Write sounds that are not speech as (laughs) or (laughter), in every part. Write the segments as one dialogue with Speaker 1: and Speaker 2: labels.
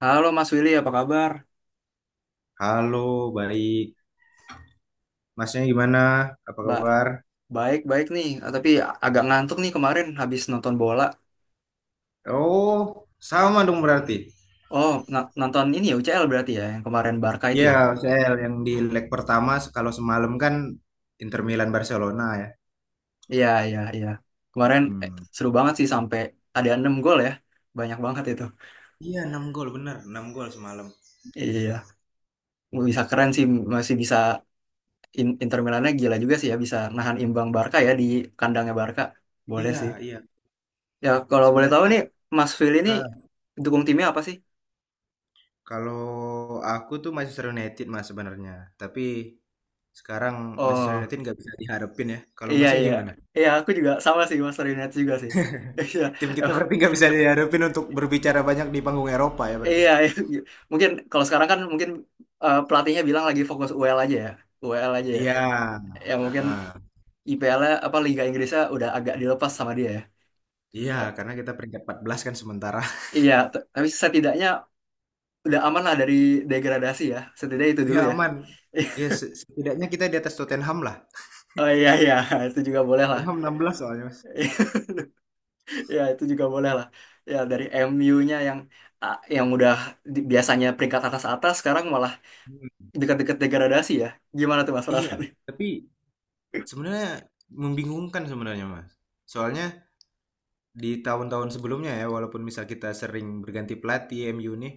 Speaker 1: Halo Mas Willy, apa kabar?
Speaker 2: Halo, baik. Masnya gimana? Apa
Speaker 1: Ba
Speaker 2: kabar?
Speaker 1: Baik, baik nih. Ah, tapi agak ngantuk nih kemarin habis nonton bola.
Speaker 2: Oh, sama dong berarti.
Speaker 1: Oh, nonton ini ya UCL berarti ya, yang kemarin Barca itu
Speaker 2: Ya,
Speaker 1: ya?
Speaker 2: saya yang di leg pertama kalau semalam kan Inter Milan Barcelona ya.
Speaker 1: Iya, iya, iya. Kemarin
Speaker 2: Hmm.
Speaker 1: seru banget sih sampai ada 6 gol ya. Banyak banget itu.
Speaker 2: Iya, 6 gol bener, enam gol semalam.
Speaker 1: Iya, bisa keren sih masih bisa Inter Milannya gila juga sih ya bisa nahan imbang Barca ya di kandangnya Barca. Boleh
Speaker 2: Iya,
Speaker 1: sih.
Speaker 2: iya.
Speaker 1: Ya, kalau boleh tahu
Speaker 2: Sebenarnya
Speaker 1: nih Mas Willy ini
Speaker 2: ah,
Speaker 1: dukung timnya apa sih?
Speaker 2: kalau aku tuh Manchester United mas sebenarnya, tapi sekarang Manchester
Speaker 1: Oh.
Speaker 2: United nggak bisa diharapin ya. Kalau
Speaker 1: Iya
Speaker 2: masnya
Speaker 1: iya
Speaker 2: gimana?
Speaker 1: iya, aku juga sama sih Master United juga sih. (laughs) Iya
Speaker 2: Tim kita
Speaker 1: emang-
Speaker 2: berarti nggak bisa diharapin untuk berbicara banyak di panggung Eropa ya berarti.
Speaker 1: iya iya. Mungkin kalau sekarang kan mungkin pelatihnya bilang lagi fokus UEL aja ya, UEL aja ya.
Speaker 2: Iya.
Speaker 1: Ya mungkin
Speaker 2: Heeh.
Speaker 1: IPL-nya apa Liga Inggrisnya udah agak dilepas sama dia ya.
Speaker 2: Iya,
Speaker 1: Ta-
Speaker 2: karena kita peringkat 14 kan sementara. (laughs)
Speaker 1: Iya, tapi setidaknya udah aman lah dari degradasi ya, setidaknya itu dulu
Speaker 2: Ya
Speaker 1: ya. (laughs)
Speaker 2: aman. Ya setidaknya kita di atas Tottenham lah.
Speaker 1: Oh iya iya, itu juga boleh lah.
Speaker 2: Tottenham 16 soalnya, Mas.
Speaker 1: (laughs) Ya itu juga boleh lah. Ya dari MU-nya yang yang udah biasanya peringkat atas-atas, sekarang malah
Speaker 2: Hmm.
Speaker 1: dekat-dekat degradasi ya. Gimana tuh Mas
Speaker 2: Iya,
Speaker 1: perasaannya?
Speaker 2: tapi sebenarnya membingungkan sebenarnya, Mas. Soalnya di tahun-tahun sebelumnya ya, walaupun misal kita sering berganti pelatih MU nih,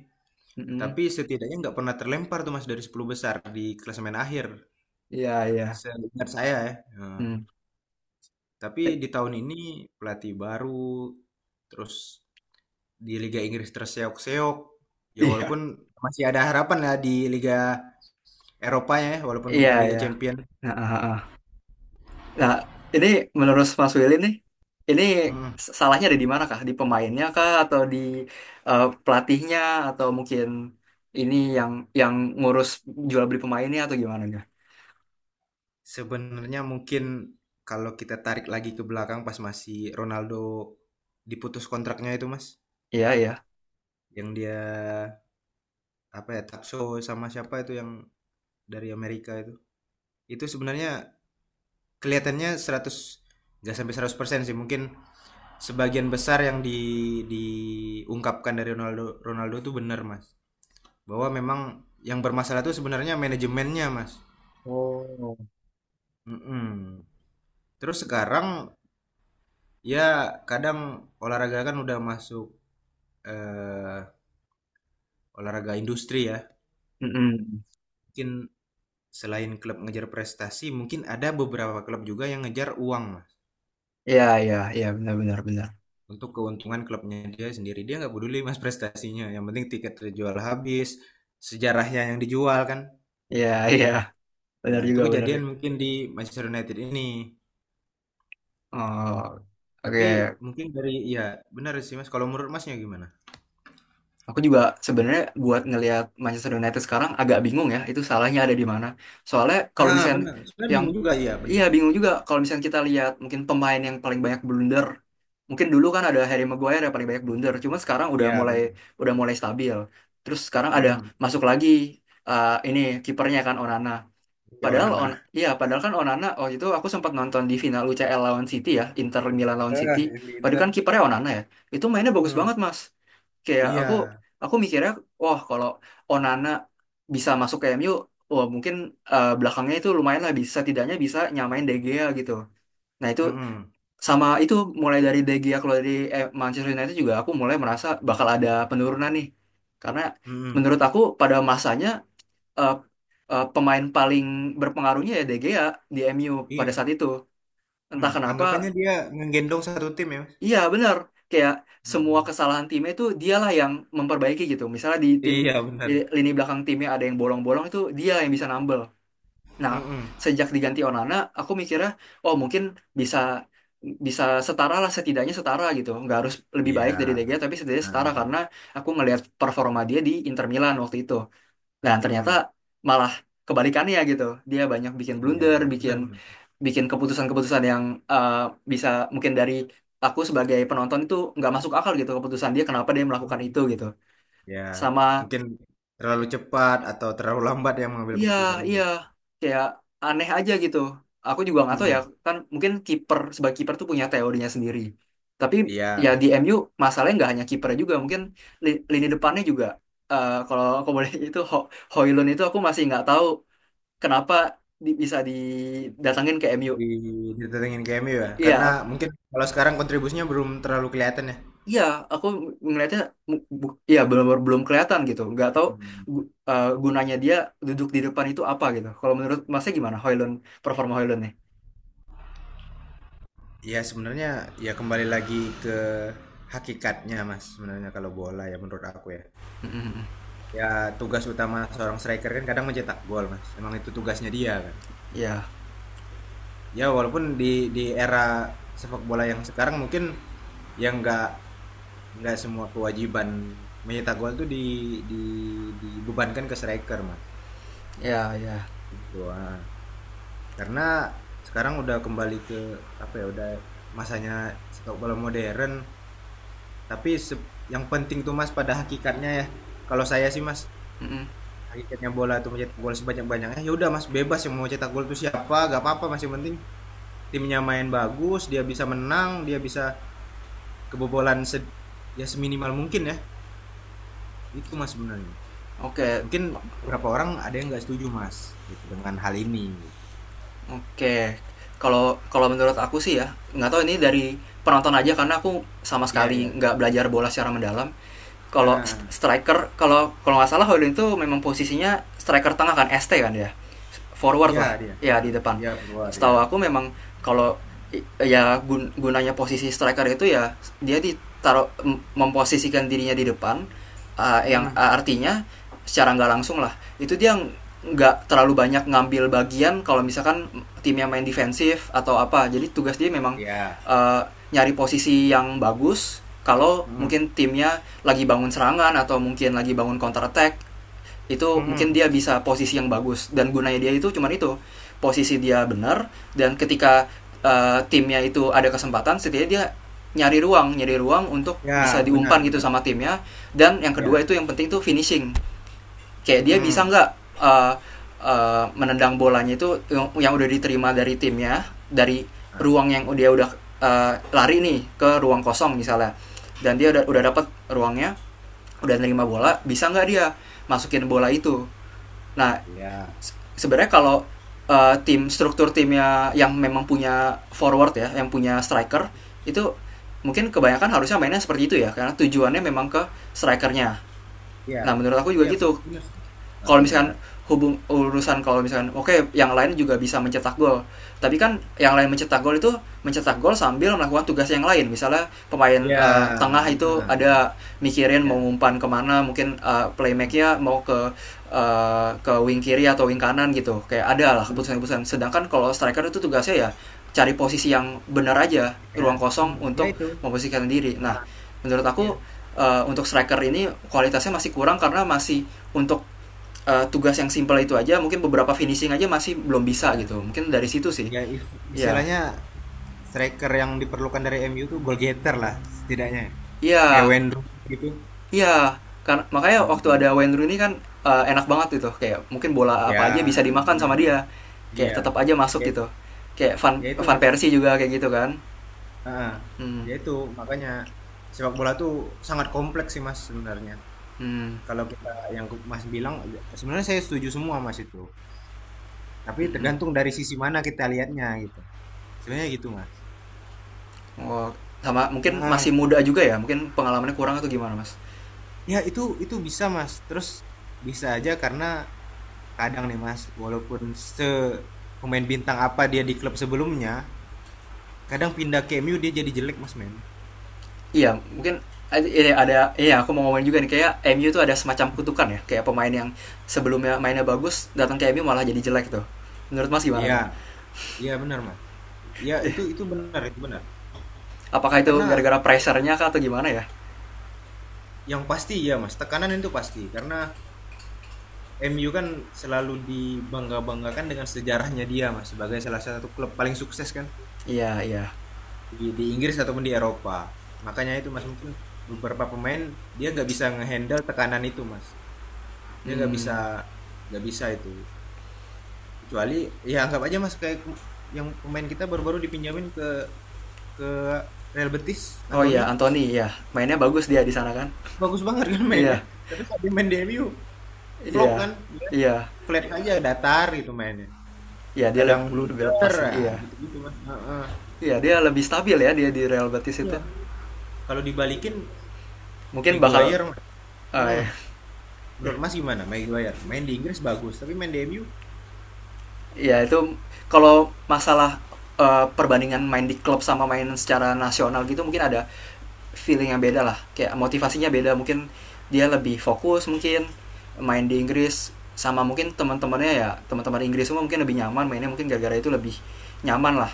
Speaker 1: Mm-mm.
Speaker 2: tapi setidaknya nggak pernah terlempar tuh Mas dari 10 besar di klasemen akhir.
Speaker 1: Iya, iya.
Speaker 2: Seingat saya ya. Nah,
Speaker 1: Hmm.
Speaker 2: tapi
Speaker 1: Eh,
Speaker 2: di tahun ini pelatih baru, terus di Liga Inggris terseok-seok. Ya
Speaker 1: iya,
Speaker 2: walaupun masih ada harapan lah di Liga Eropa ya, walaupun
Speaker 1: iya,
Speaker 2: bukan Liga
Speaker 1: iya.
Speaker 2: Champion.
Speaker 1: Nah, Nah, ini menurut Mas Willy nih, ini
Speaker 2: Hmm.
Speaker 1: salahnya ada di mana kah? Di pemainnya kah atau di pelatihnya, atau mungkin ini yang ngurus jual beli pemainnya atau gimana enggak?
Speaker 2: Sebenarnya mungkin kalau kita tarik lagi ke belakang pas masih Ronaldo diputus kontraknya itu mas,
Speaker 1: Iya, iya.
Speaker 2: yang dia apa ya Takso sama siapa itu yang dari Amerika itu. Itu sebenarnya kelihatannya 100, nggak sampai 100% sih mungkin sebagian besar yang di diungkapkan dari Ronaldo Ronaldo itu benar mas bahwa memang yang bermasalah itu sebenarnya manajemennya mas.
Speaker 1: Oh.
Speaker 2: Mm-mm. Terus sekarang ya kadang olahraga kan udah masuk eh, olahraga industri ya
Speaker 1: Mm-mm.
Speaker 2: mungkin selain klub ngejar prestasi mungkin ada beberapa klub juga yang ngejar uang mas
Speaker 1: Iya, iya, iya, benar benar benar.
Speaker 2: untuk keuntungan klubnya dia sendiri dia nggak peduli mas prestasinya yang penting tiket terjual habis sejarahnya yang dijual kan
Speaker 1: Iya, iya.
Speaker 2: ya
Speaker 1: Benar
Speaker 2: itu
Speaker 1: juga, benar
Speaker 2: kejadian
Speaker 1: juga.
Speaker 2: mungkin di Manchester United ini
Speaker 1: Oh,
Speaker 2: tapi
Speaker 1: oke.
Speaker 2: mungkin dari ya benar sih mas kalau menurut masnya gimana.
Speaker 1: Aku juga sebenarnya buat ngelihat Manchester United sekarang agak bingung ya, itu salahnya ada di mana. Soalnya kalau misalnya
Speaker 2: Benar sebenarnya
Speaker 1: yang
Speaker 2: bingung juga, iya
Speaker 1: iya
Speaker 2: benar
Speaker 1: bingung juga kalau misalnya kita lihat mungkin pemain yang paling banyak blunder. Mungkin dulu kan ada Harry Maguire yang paling banyak blunder, cuma sekarang
Speaker 2: iya bener,
Speaker 1: udah mulai stabil. Terus sekarang ada
Speaker 2: mhm,
Speaker 1: masuk lagi, ini kipernya kan Onana.
Speaker 2: iya
Speaker 1: Padahal on,
Speaker 2: onana,
Speaker 1: ya padahal kan Onana waktu itu aku sempat nonton di final UCL lawan City ya, Inter Milan lawan City.
Speaker 2: heeh, yang di
Speaker 1: Waktu itu
Speaker 2: intern,
Speaker 1: kan kipernya Onana ya. Itu mainnya bagus
Speaker 2: mhm,
Speaker 1: banget, Mas. Kayak
Speaker 2: iya,
Speaker 1: aku mikirnya, wah kalau Onana bisa masuk ke MU, wah mungkin belakangnya itu lumayan lah, bisa setidaknya bisa nyamain De Gea gitu. Nah, itu
Speaker 2: mhm,
Speaker 1: sama itu mulai dari De Gea keluar dari Manchester United, juga aku mulai merasa bakal ada penurunan nih. Karena
Speaker 2: mhm,
Speaker 1: menurut aku pada masanya eh, pemain paling berpengaruhnya ya De Gea di M U pada
Speaker 2: iya,
Speaker 1: saat itu. Entah
Speaker 2: mhm,
Speaker 1: kenapa,
Speaker 2: anggapannya dia ngegendong satu tim ya, Mas?
Speaker 1: iya benar. Kayak semua
Speaker 2: Mhm,
Speaker 1: kesalahan timnya itu dialah yang memperbaiki gitu. Misalnya di tim
Speaker 2: iya
Speaker 1: di
Speaker 2: bener,
Speaker 1: lini belakang timnya ada yang bolong-bolong, itu dia yang bisa nambel. Nah,
Speaker 2: mhm,
Speaker 1: sejak diganti Onana, aku mikirnya, oh mungkin bisa bisa setara lah, setidaknya setara gitu. Nggak harus lebih
Speaker 2: iya,
Speaker 1: baik dari De Gea tapi setidaknya
Speaker 2: heeh
Speaker 1: setara,
Speaker 2: heeh,
Speaker 1: karena aku ngelihat performa dia di Inter Milan waktu itu. Dan ternyata
Speaker 2: mhm,
Speaker 1: malah kebalikannya gitu. Dia banyak bikin
Speaker 2: iya
Speaker 1: blunder,
Speaker 2: benar
Speaker 1: bikin
Speaker 2: benar
Speaker 1: bikin keputusan-keputusan yang eh, bisa mungkin dari aku sebagai penonton itu nggak masuk akal gitu, keputusan dia kenapa dia melakukan
Speaker 2: mhm,
Speaker 1: itu gitu.
Speaker 2: iya
Speaker 1: Sama
Speaker 2: mungkin terlalu
Speaker 1: eh,
Speaker 2: cepat atau terlalu lambat yang mengambil
Speaker 1: iya
Speaker 2: keputusannya
Speaker 1: iya
Speaker 2: gitu,
Speaker 1: kayak aneh aja gitu. Aku juga nggak tahu ya,
Speaker 2: mhm,
Speaker 1: kan mungkin kiper sebagai kiper tuh punya teorinya sendiri. Tapi ya
Speaker 2: iya
Speaker 1: di MU masalahnya nggak hanya kiper, juga mungkin lini depannya juga kalau aku boleh (laughs) itu Hoylund itu aku masih nggak tahu kenapa bisa didatangin ke MU.
Speaker 2: di didatengin ke MU ya
Speaker 1: Iya,
Speaker 2: karena
Speaker 1: ak-
Speaker 2: mungkin kalau sekarang kontribusinya belum terlalu kelihatan ya,
Speaker 1: iya, aku ngelihatnya iya belum belum kelihatan gitu. Nggak tahu
Speaker 2: mhm.
Speaker 1: gunanya dia duduk di depan itu apa gitu. Kalau menurut Masnya gimana Hoylund, performa Hoylund nih?
Speaker 2: Ya sebenarnya ya kembali lagi ke hakikatnya Mas sebenarnya kalau bola ya menurut aku ya.
Speaker 1: Mm-mm.
Speaker 2: Ya tugas utama seorang striker kan kadang mencetak gol Mas. Emang itu tugasnya dia kan.
Speaker 1: Iya,
Speaker 2: Ya walaupun di era sepak bola yang sekarang mungkin yang nggak semua kewajiban mencetak gol tuh di dibebankan ke striker Mas.
Speaker 1: iya, iya.
Speaker 2: Gitu, ah. Karena sekarang udah kembali ke apa ya udah masanya sepak bola modern. Tapi yang penting tuh Mas pada hakikatnya ya. Kalau saya sih Mas,
Speaker 1: Mm-mm.
Speaker 2: hakikatnya bola itu mencetak gol sebanyak-banyaknya. Ya udah Mas, bebas yang mau cetak gol itu siapa, gak apa-apa Mas. Yang penting timnya main bagus, dia bisa menang, dia bisa kebobolan ya seminimal mungkin ya. Itu Mas sebenarnya.
Speaker 1: Oke,
Speaker 2: Mungkin beberapa orang ada yang nggak setuju Mas gitu dengan hal ini.
Speaker 1: oke. Kalau Kalau menurut aku sih ya, nggak tahu ini dari penonton aja karena aku sama
Speaker 2: Iya,
Speaker 1: sekali
Speaker 2: iya.
Speaker 1: nggak belajar bola secara mendalam.
Speaker 2: Nah,
Speaker 1: Kalau
Speaker 2: ah, ah.
Speaker 1: striker, kalau kalau nggak salah Hoylund itu memang posisinya striker tengah kan, ST kan ya? Forward
Speaker 2: Iya
Speaker 1: lah,
Speaker 2: dia.
Speaker 1: ya
Speaker 2: Nah,
Speaker 1: di depan.
Speaker 2: iya keluar ya.
Speaker 1: Setahu aku memang kalau ya gunanya posisi striker itu ya dia ditaruh memposisikan dirinya di depan, yang
Speaker 2: Hmm,
Speaker 1: artinya secara nggak langsung lah, itu dia nggak terlalu banyak ngambil bagian kalau misalkan timnya main defensif atau apa, jadi tugas dia memang
Speaker 2: iya.
Speaker 1: uh, nyari posisi yang bagus kalau
Speaker 2: Hmm,
Speaker 1: mungkin timnya lagi bangun serangan atau mungkin lagi bangun counter attack, itu mungkin
Speaker 2: hmm.
Speaker 1: dia bisa posisi yang bagus. Dan gunanya dia itu cuman itu, posisi dia benar, dan ketika timnya itu ada kesempatan setidaknya dia nyari ruang untuk bisa
Speaker 2: Ya, benar,
Speaker 1: diumpan gitu
Speaker 2: benar.
Speaker 1: sama timnya. Dan yang kedua
Speaker 2: Iya.
Speaker 1: itu yang penting itu finishing, kayak dia bisa
Speaker 2: Hmm.
Speaker 1: nggak eh, menendang bolanya itu yang udah diterima dari timnya, dari
Speaker 2: Nah,
Speaker 1: ruang yang dia udah lari nih ke ruang kosong misalnya, dan dia udah
Speaker 2: iya.
Speaker 1: dapat ruangnya, udah nerima
Speaker 2: Mhm,
Speaker 1: bola, bisa nggak dia masukin bola itu. Nah,
Speaker 2: iya
Speaker 1: sebenarnya kalau tim struktur timnya yang memang punya forward ya, yang punya striker, itu mungkin kebanyakan harusnya mainnya seperti itu ya karena tujuannya memang ke strikernya.
Speaker 2: iya
Speaker 1: Nah, menurut aku juga
Speaker 2: iya benar
Speaker 1: gitu,
Speaker 2: bener sih,
Speaker 1: kalau
Speaker 2: heeh,
Speaker 1: misalkan
Speaker 2: benar.
Speaker 1: hubung urusan kalau misalkan oke okay, yang lain juga bisa mencetak gol, tapi kan yang lain mencetak gol itu mencetak gol sambil melakukan tugas yang lain. Misalnya pemain
Speaker 2: Ya,
Speaker 1: tengah itu
Speaker 2: heeh,
Speaker 1: ada mikirin
Speaker 2: iya,
Speaker 1: mau umpan kemana, mungkin playmakernya mau ke ke wing kiri atau wing kanan gitu, kayak ada lah
Speaker 2: mhm,
Speaker 1: keputusan-keputusan. Sedangkan kalau striker itu tugasnya ya cari posisi yang benar aja,
Speaker 2: iya,
Speaker 1: ruang
Speaker 2: mmm,
Speaker 1: kosong
Speaker 2: ya
Speaker 1: untuk
Speaker 2: itu,
Speaker 1: memposisikan diri. Nah,
Speaker 2: heeh,
Speaker 1: menurut
Speaker 2: ya,
Speaker 1: aku untuk striker ini kualitasnya masih kurang, karena masih untuk tugas yang simple itu aja, mungkin beberapa finishing aja masih belum bisa
Speaker 2: iya,
Speaker 1: gitu. Mungkin dari situ sih.
Speaker 2: ya is
Speaker 1: Ya
Speaker 2: istilahnya striker yang diperlukan dari MU tuh goal getter lah setidaknya, kayak
Speaker 1: ya
Speaker 2: Wayne Rooney gitu,
Speaker 1: ya, karena makanya waktu
Speaker 2: mhm,
Speaker 1: ada Wayne Rooney kan enak banget gitu, kayak mungkin bola
Speaker 2: ya
Speaker 1: apa aja bisa dimakan
Speaker 2: benar
Speaker 1: sama
Speaker 2: Mas,
Speaker 1: dia, kayak
Speaker 2: iya,
Speaker 1: tetap aja masuk
Speaker 2: ya
Speaker 1: gitu. Kayak Van
Speaker 2: ya itu
Speaker 1: Van
Speaker 2: Mas,
Speaker 1: Persie juga kayak gitu kan.
Speaker 2: heeh,
Speaker 1: Hmm.
Speaker 2: ya itu makanya sepak bola tuh sangat kompleks sih Mas sebenarnya,
Speaker 1: Hmm,
Speaker 2: kalau kita yang Mas bilang sebenarnya saya setuju semua Mas itu. Tapi
Speaker 1: hmm, hmm.
Speaker 2: tergantung dari sisi mana kita lihatnya gitu. Sebenarnya gitu, Mas.
Speaker 1: Oh, sama mungkin
Speaker 2: Heeh.
Speaker 1: masih muda juga ya, mungkin pengalamannya kurang atau gimana mas.
Speaker 2: Ya itu bisa, Mas. Terus bisa aja karena kadang nih, Mas, walaupun se pemain bintang apa dia di klub sebelumnya, kadang pindah ke MU dia jadi jelek, Mas, men.
Speaker 1: Iya, mungkin ini ada iya aku mau ngomongin juga nih, kayak MU tuh ada semacam kutukan ya, kayak pemain yang sebelumnya mainnya bagus datang ke MU malah jadi jelek tuh, menurut mas gimana
Speaker 2: Iya,
Speaker 1: tuh,
Speaker 2: iya benar, Mas. Iya, itu benar, itu benar.
Speaker 1: apakah itu
Speaker 2: Karena
Speaker 1: gara-gara pressernya kah atau gimana ya.
Speaker 2: yang pasti ya, Mas, tekanan itu pasti karena MU kan selalu dibangga-banggakan dengan sejarahnya dia, Mas, sebagai salah satu klub paling sukses kan.
Speaker 1: Iya iya.
Speaker 2: Di Inggris ataupun di Eropa. Makanya itu Mas mungkin beberapa pemain dia nggak bisa ngehandle tekanan itu Mas. Dia
Speaker 1: Hmm.
Speaker 2: nggak bisa itu. Kecuali ya anggap aja Mas kayak yang pemain kita baru-baru dipinjamin ke Real Betis,
Speaker 1: Oh iya
Speaker 2: Anthony.
Speaker 1: Anthony iya, mainnya bagus dia di sana kan.
Speaker 2: Bagus banget kan mainnya.
Speaker 1: Iya.
Speaker 2: Tapi saat dia main di MU flop
Speaker 1: Iya.
Speaker 2: kan dia
Speaker 1: Iya.
Speaker 2: flat aja datar gitu mainnya.
Speaker 1: Iya dia
Speaker 2: Kadang
Speaker 1: lebih lepas
Speaker 2: blunder
Speaker 1: sih. Iya
Speaker 2: gitu-gitu Mas. Heeh.
Speaker 1: iya dia lebih stabil ya dia di Real Betis itu.
Speaker 2: Iya. Kalau dibalikin
Speaker 1: Mungkin bakal
Speaker 2: Maguire Mas. Hmm,
Speaker 1: eh,
Speaker 2: menurut Mas gimana? Maguire main di Inggris bagus, tapi main di MU.
Speaker 1: ya itu kalau masalah perbandingan main di klub sama main secara nasional gitu, mungkin ada feeling yang beda lah, kayak motivasinya beda. Mungkin dia lebih fokus mungkin main di Inggris sama mungkin teman-temannya ya teman-teman Inggris semua, mungkin lebih nyaman mainnya mungkin gara-gara itu, lebih nyaman lah.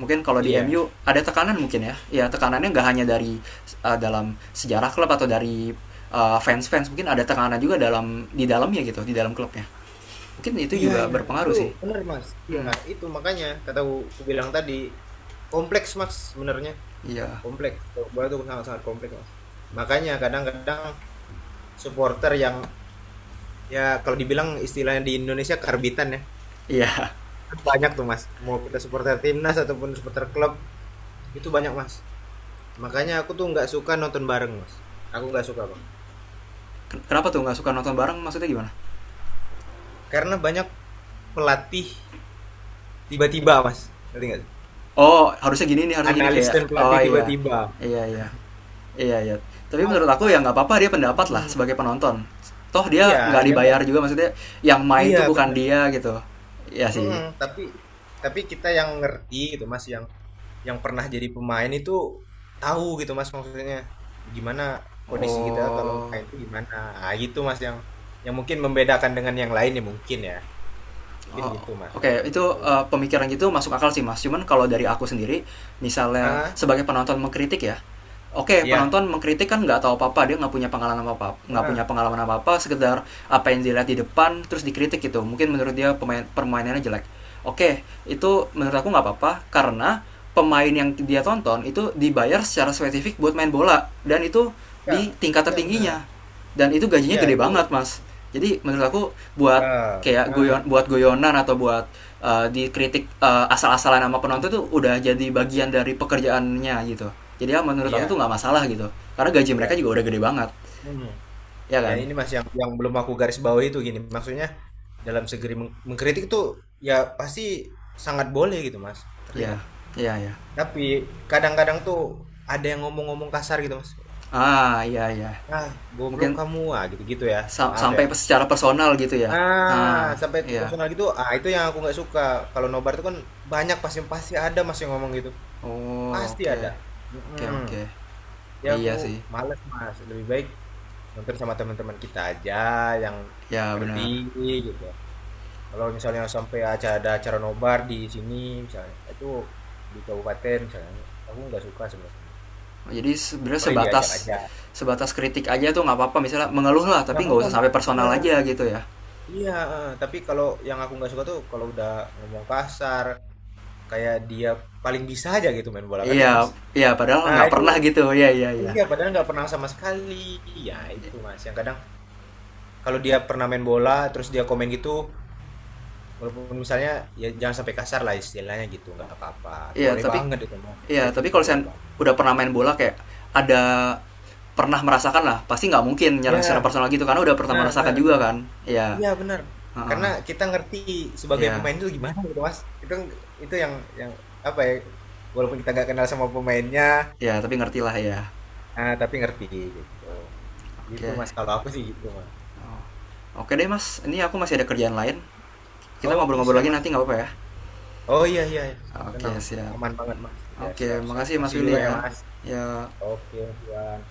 Speaker 1: Mungkin kalau di
Speaker 2: Iya.
Speaker 1: MU ada tekanan, mungkin ya ya tekanannya nggak hanya dari dalam sejarah klub atau dari fans-fans, mungkin ada tekanan juga dalam di dalamnya gitu, di dalam klubnya. Mungkin itu
Speaker 2: Iya,
Speaker 1: juga
Speaker 2: iya.
Speaker 1: berpengaruh
Speaker 2: Itu
Speaker 1: sih.
Speaker 2: benar, Mas. Iya,
Speaker 1: Hmm,
Speaker 2: itu makanya kata ku, ku bilang tadi kompleks, Mas, sebenarnya.
Speaker 1: iya.
Speaker 2: Kompleks. Sepak bola itu sangat-sangat kompleks, Mas. Makanya kadang-kadang supporter yang ya kalau dibilang istilahnya di Indonesia karbitan ya.
Speaker 1: Iya.
Speaker 2: Kan banyak tuh, Mas. Mau kita supporter timnas ataupun supporter klub, itu banyak, Mas. Makanya aku tuh nggak suka nonton bareng, Mas. Aku nggak suka, Bang.
Speaker 1: Kenapa tuh nggak suka nonton bareng? Maksudnya gimana?
Speaker 2: Karena banyak pelatih tiba-tiba, Mas. Ngerti nggak sih?
Speaker 1: Oh, harusnya gini nih, harusnya gini
Speaker 2: Analis
Speaker 1: kayak.
Speaker 2: dan
Speaker 1: Oh
Speaker 2: pelatih
Speaker 1: iya,
Speaker 2: tiba-tiba.
Speaker 1: iya iya, iya iya. Tapi
Speaker 2: Ngomong,
Speaker 1: menurut aku ya nggak apa-apa, dia pendapat lah
Speaker 2: ah,
Speaker 1: sebagai penonton. Toh
Speaker 2: Iya,
Speaker 1: dia nggak
Speaker 2: yang
Speaker 1: dibayar juga maksudnya. Yang main
Speaker 2: iya
Speaker 1: tuh bukan
Speaker 2: benar.
Speaker 1: dia gitu. Ya sih.
Speaker 2: Mm-mm, tapi kita yang ngerti gitu Mas, yang pernah jadi pemain itu tahu gitu Mas maksudnya gimana kondisi kita kalau
Speaker 1: Oh.
Speaker 2: main itu gimana. Gitu Mas yang mungkin membedakan dengan yang lain ya. Mungkin
Speaker 1: Oh,
Speaker 2: gitu Mas
Speaker 1: oke, okay.
Speaker 2: kalau
Speaker 1: Itu
Speaker 2: menurutku.
Speaker 1: pemikiran gitu masuk akal sih mas. Cuman kalau dari aku sendiri, misalnya
Speaker 2: Ah,
Speaker 1: sebagai penonton mengkritik ya, oke okay,
Speaker 2: iya.
Speaker 1: penonton mengkritik kan nggak tahu apa-apa, dia nggak punya pengalaman apa-apa,
Speaker 2: Ah,
Speaker 1: sekedar apa yang dilihat di depan terus dikritik gitu. Mungkin menurut dia pemain, permainannya jelek. Oke, okay, itu menurut aku nggak apa-apa, karena pemain yang dia tonton itu dibayar secara spesifik buat main bola, dan itu
Speaker 2: iya,
Speaker 1: di tingkat
Speaker 2: iya benar.
Speaker 1: tertingginya, dan itu gajinya
Speaker 2: Iya,
Speaker 1: gede
Speaker 2: itu
Speaker 1: banget mas. Jadi menurut aku buat
Speaker 2: ah,
Speaker 1: kayak
Speaker 2: benar.
Speaker 1: goyonan atau buat dikritik asal-asalan sama
Speaker 2: Hmm,
Speaker 1: penonton tuh udah jadi bagian dari pekerjaannya gitu. Jadi ya menurut aku tuh
Speaker 2: iya,
Speaker 1: nggak masalah gitu, karena gaji mereka
Speaker 2: iya.
Speaker 1: juga udah gede banget,
Speaker 2: Hmm.
Speaker 1: ya
Speaker 2: Ya
Speaker 1: kan.
Speaker 2: ini Mas yang belum aku garis bawahi itu gini. Maksudnya dalam segeri mengkritik tuh ya pasti sangat boleh gitu mas ngerti
Speaker 1: Ya
Speaker 2: nggak
Speaker 1: ya ya.
Speaker 2: tapi kadang-kadang tuh ada yang ngomong-ngomong kasar gitu mas
Speaker 1: Ah iya iya,
Speaker 2: ah
Speaker 1: mungkin
Speaker 2: goblok kamu ah gitu gitu ya maaf ya
Speaker 1: sampai secara personal gitu ya.
Speaker 2: ah
Speaker 1: Ah
Speaker 2: sampai ke
Speaker 1: iya.
Speaker 2: personal gitu ah itu yang aku nggak suka kalau nobar tuh kan banyak pasti pasti ada mas yang ngomong gitu
Speaker 1: Oh
Speaker 2: pasti
Speaker 1: oke,
Speaker 2: ada.
Speaker 1: oke
Speaker 2: Mm-mm.
Speaker 1: oke.
Speaker 2: Jadi
Speaker 1: Oh
Speaker 2: aku
Speaker 1: iya sih.
Speaker 2: males mas lebih baik nonton sama teman-teman kita aja yang
Speaker 1: Ya
Speaker 2: ngerti
Speaker 1: benar.
Speaker 2: gitu. Kalau misalnya sampai aja ada acara nobar di sini misalnya, itu di kabupaten misalnya, aku nggak suka sebenarnya.
Speaker 1: Jadi sebenarnya
Speaker 2: Boleh diajak
Speaker 1: sebatas
Speaker 2: aja.
Speaker 1: sebatas kritik aja tuh nggak apa-apa, misalnya mengeluh lah,
Speaker 2: Nggak
Speaker 1: tapi
Speaker 2: apa-apa,
Speaker 1: nggak usah
Speaker 2: Mas.
Speaker 1: sampai
Speaker 2: Iya,
Speaker 1: personal aja gitu ya.
Speaker 2: iya. Eh. Tapi kalau yang aku nggak suka tuh kalau udah ngomong kasar, kayak dia paling bisa aja gitu main bola, ngerti
Speaker 1: Iya
Speaker 2: nggak, Mas?
Speaker 1: iya padahal
Speaker 2: Nah,
Speaker 1: nggak
Speaker 2: itu
Speaker 1: pernah gitu, iya iya iya.
Speaker 2: iya padahal nggak pernah sama sekali. Ya, itu Mas. Yang kadang kalau dia pernah main bola terus dia komen gitu, walaupun misalnya ya jangan sampai kasar lah istilahnya gitu, nggak apa-apa.
Speaker 1: Iya
Speaker 2: Boleh
Speaker 1: tapi,
Speaker 2: banget itu, Mas.
Speaker 1: iya
Speaker 2: Kritik
Speaker 1: tapi
Speaker 2: itu
Speaker 1: kalau
Speaker 2: boleh
Speaker 1: saya
Speaker 2: banget.
Speaker 1: udah pernah main bola kayak ada pernah merasakan lah, pasti nggak mungkin nyerang secara
Speaker 2: Ya,
Speaker 1: personal gitu, karena udah pernah
Speaker 2: Nah,
Speaker 1: merasakan juga kan. Iya.
Speaker 2: iya benar.
Speaker 1: Heeh,
Speaker 2: Karena kita ngerti sebagai
Speaker 1: iya
Speaker 2: pemain itu gimana gitu Mas. Itu itu yang apa ya? Walaupun kita nggak kenal sama pemainnya,
Speaker 1: iya tapi ngerti lah ya.
Speaker 2: tapi ngerti gitu. Gitu
Speaker 1: Oke.
Speaker 2: Mas. Kalau aku sih gitu Mas.
Speaker 1: Oke deh mas, ini aku masih ada kerjaan lain, kita
Speaker 2: Oke
Speaker 1: ngobrol-ngobrol
Speaker 2: siap
Speaker 1: lagi
Speaker 2: Mas.
Speaker 1: nanti nggak apa-apa ya.
Speaker 2: Oh iya iya. Iya.
Speaker 1: Oke
Speaker 2: Tenang,
Speaker 1: siap.
Speaker 2: aman banget Mas. Ya
Speaker 1: Oke
Speaker 2: siap siap.
Speaker 1: makasih mas
Speaker 2: Masih
Speaker 1: Willy
Speaker 2: juga ya
Speaker 1: ya.
Speaker 2: Mas.
Speaker 1: Ya.
Speaker 2: Oke, Mas. Iwan.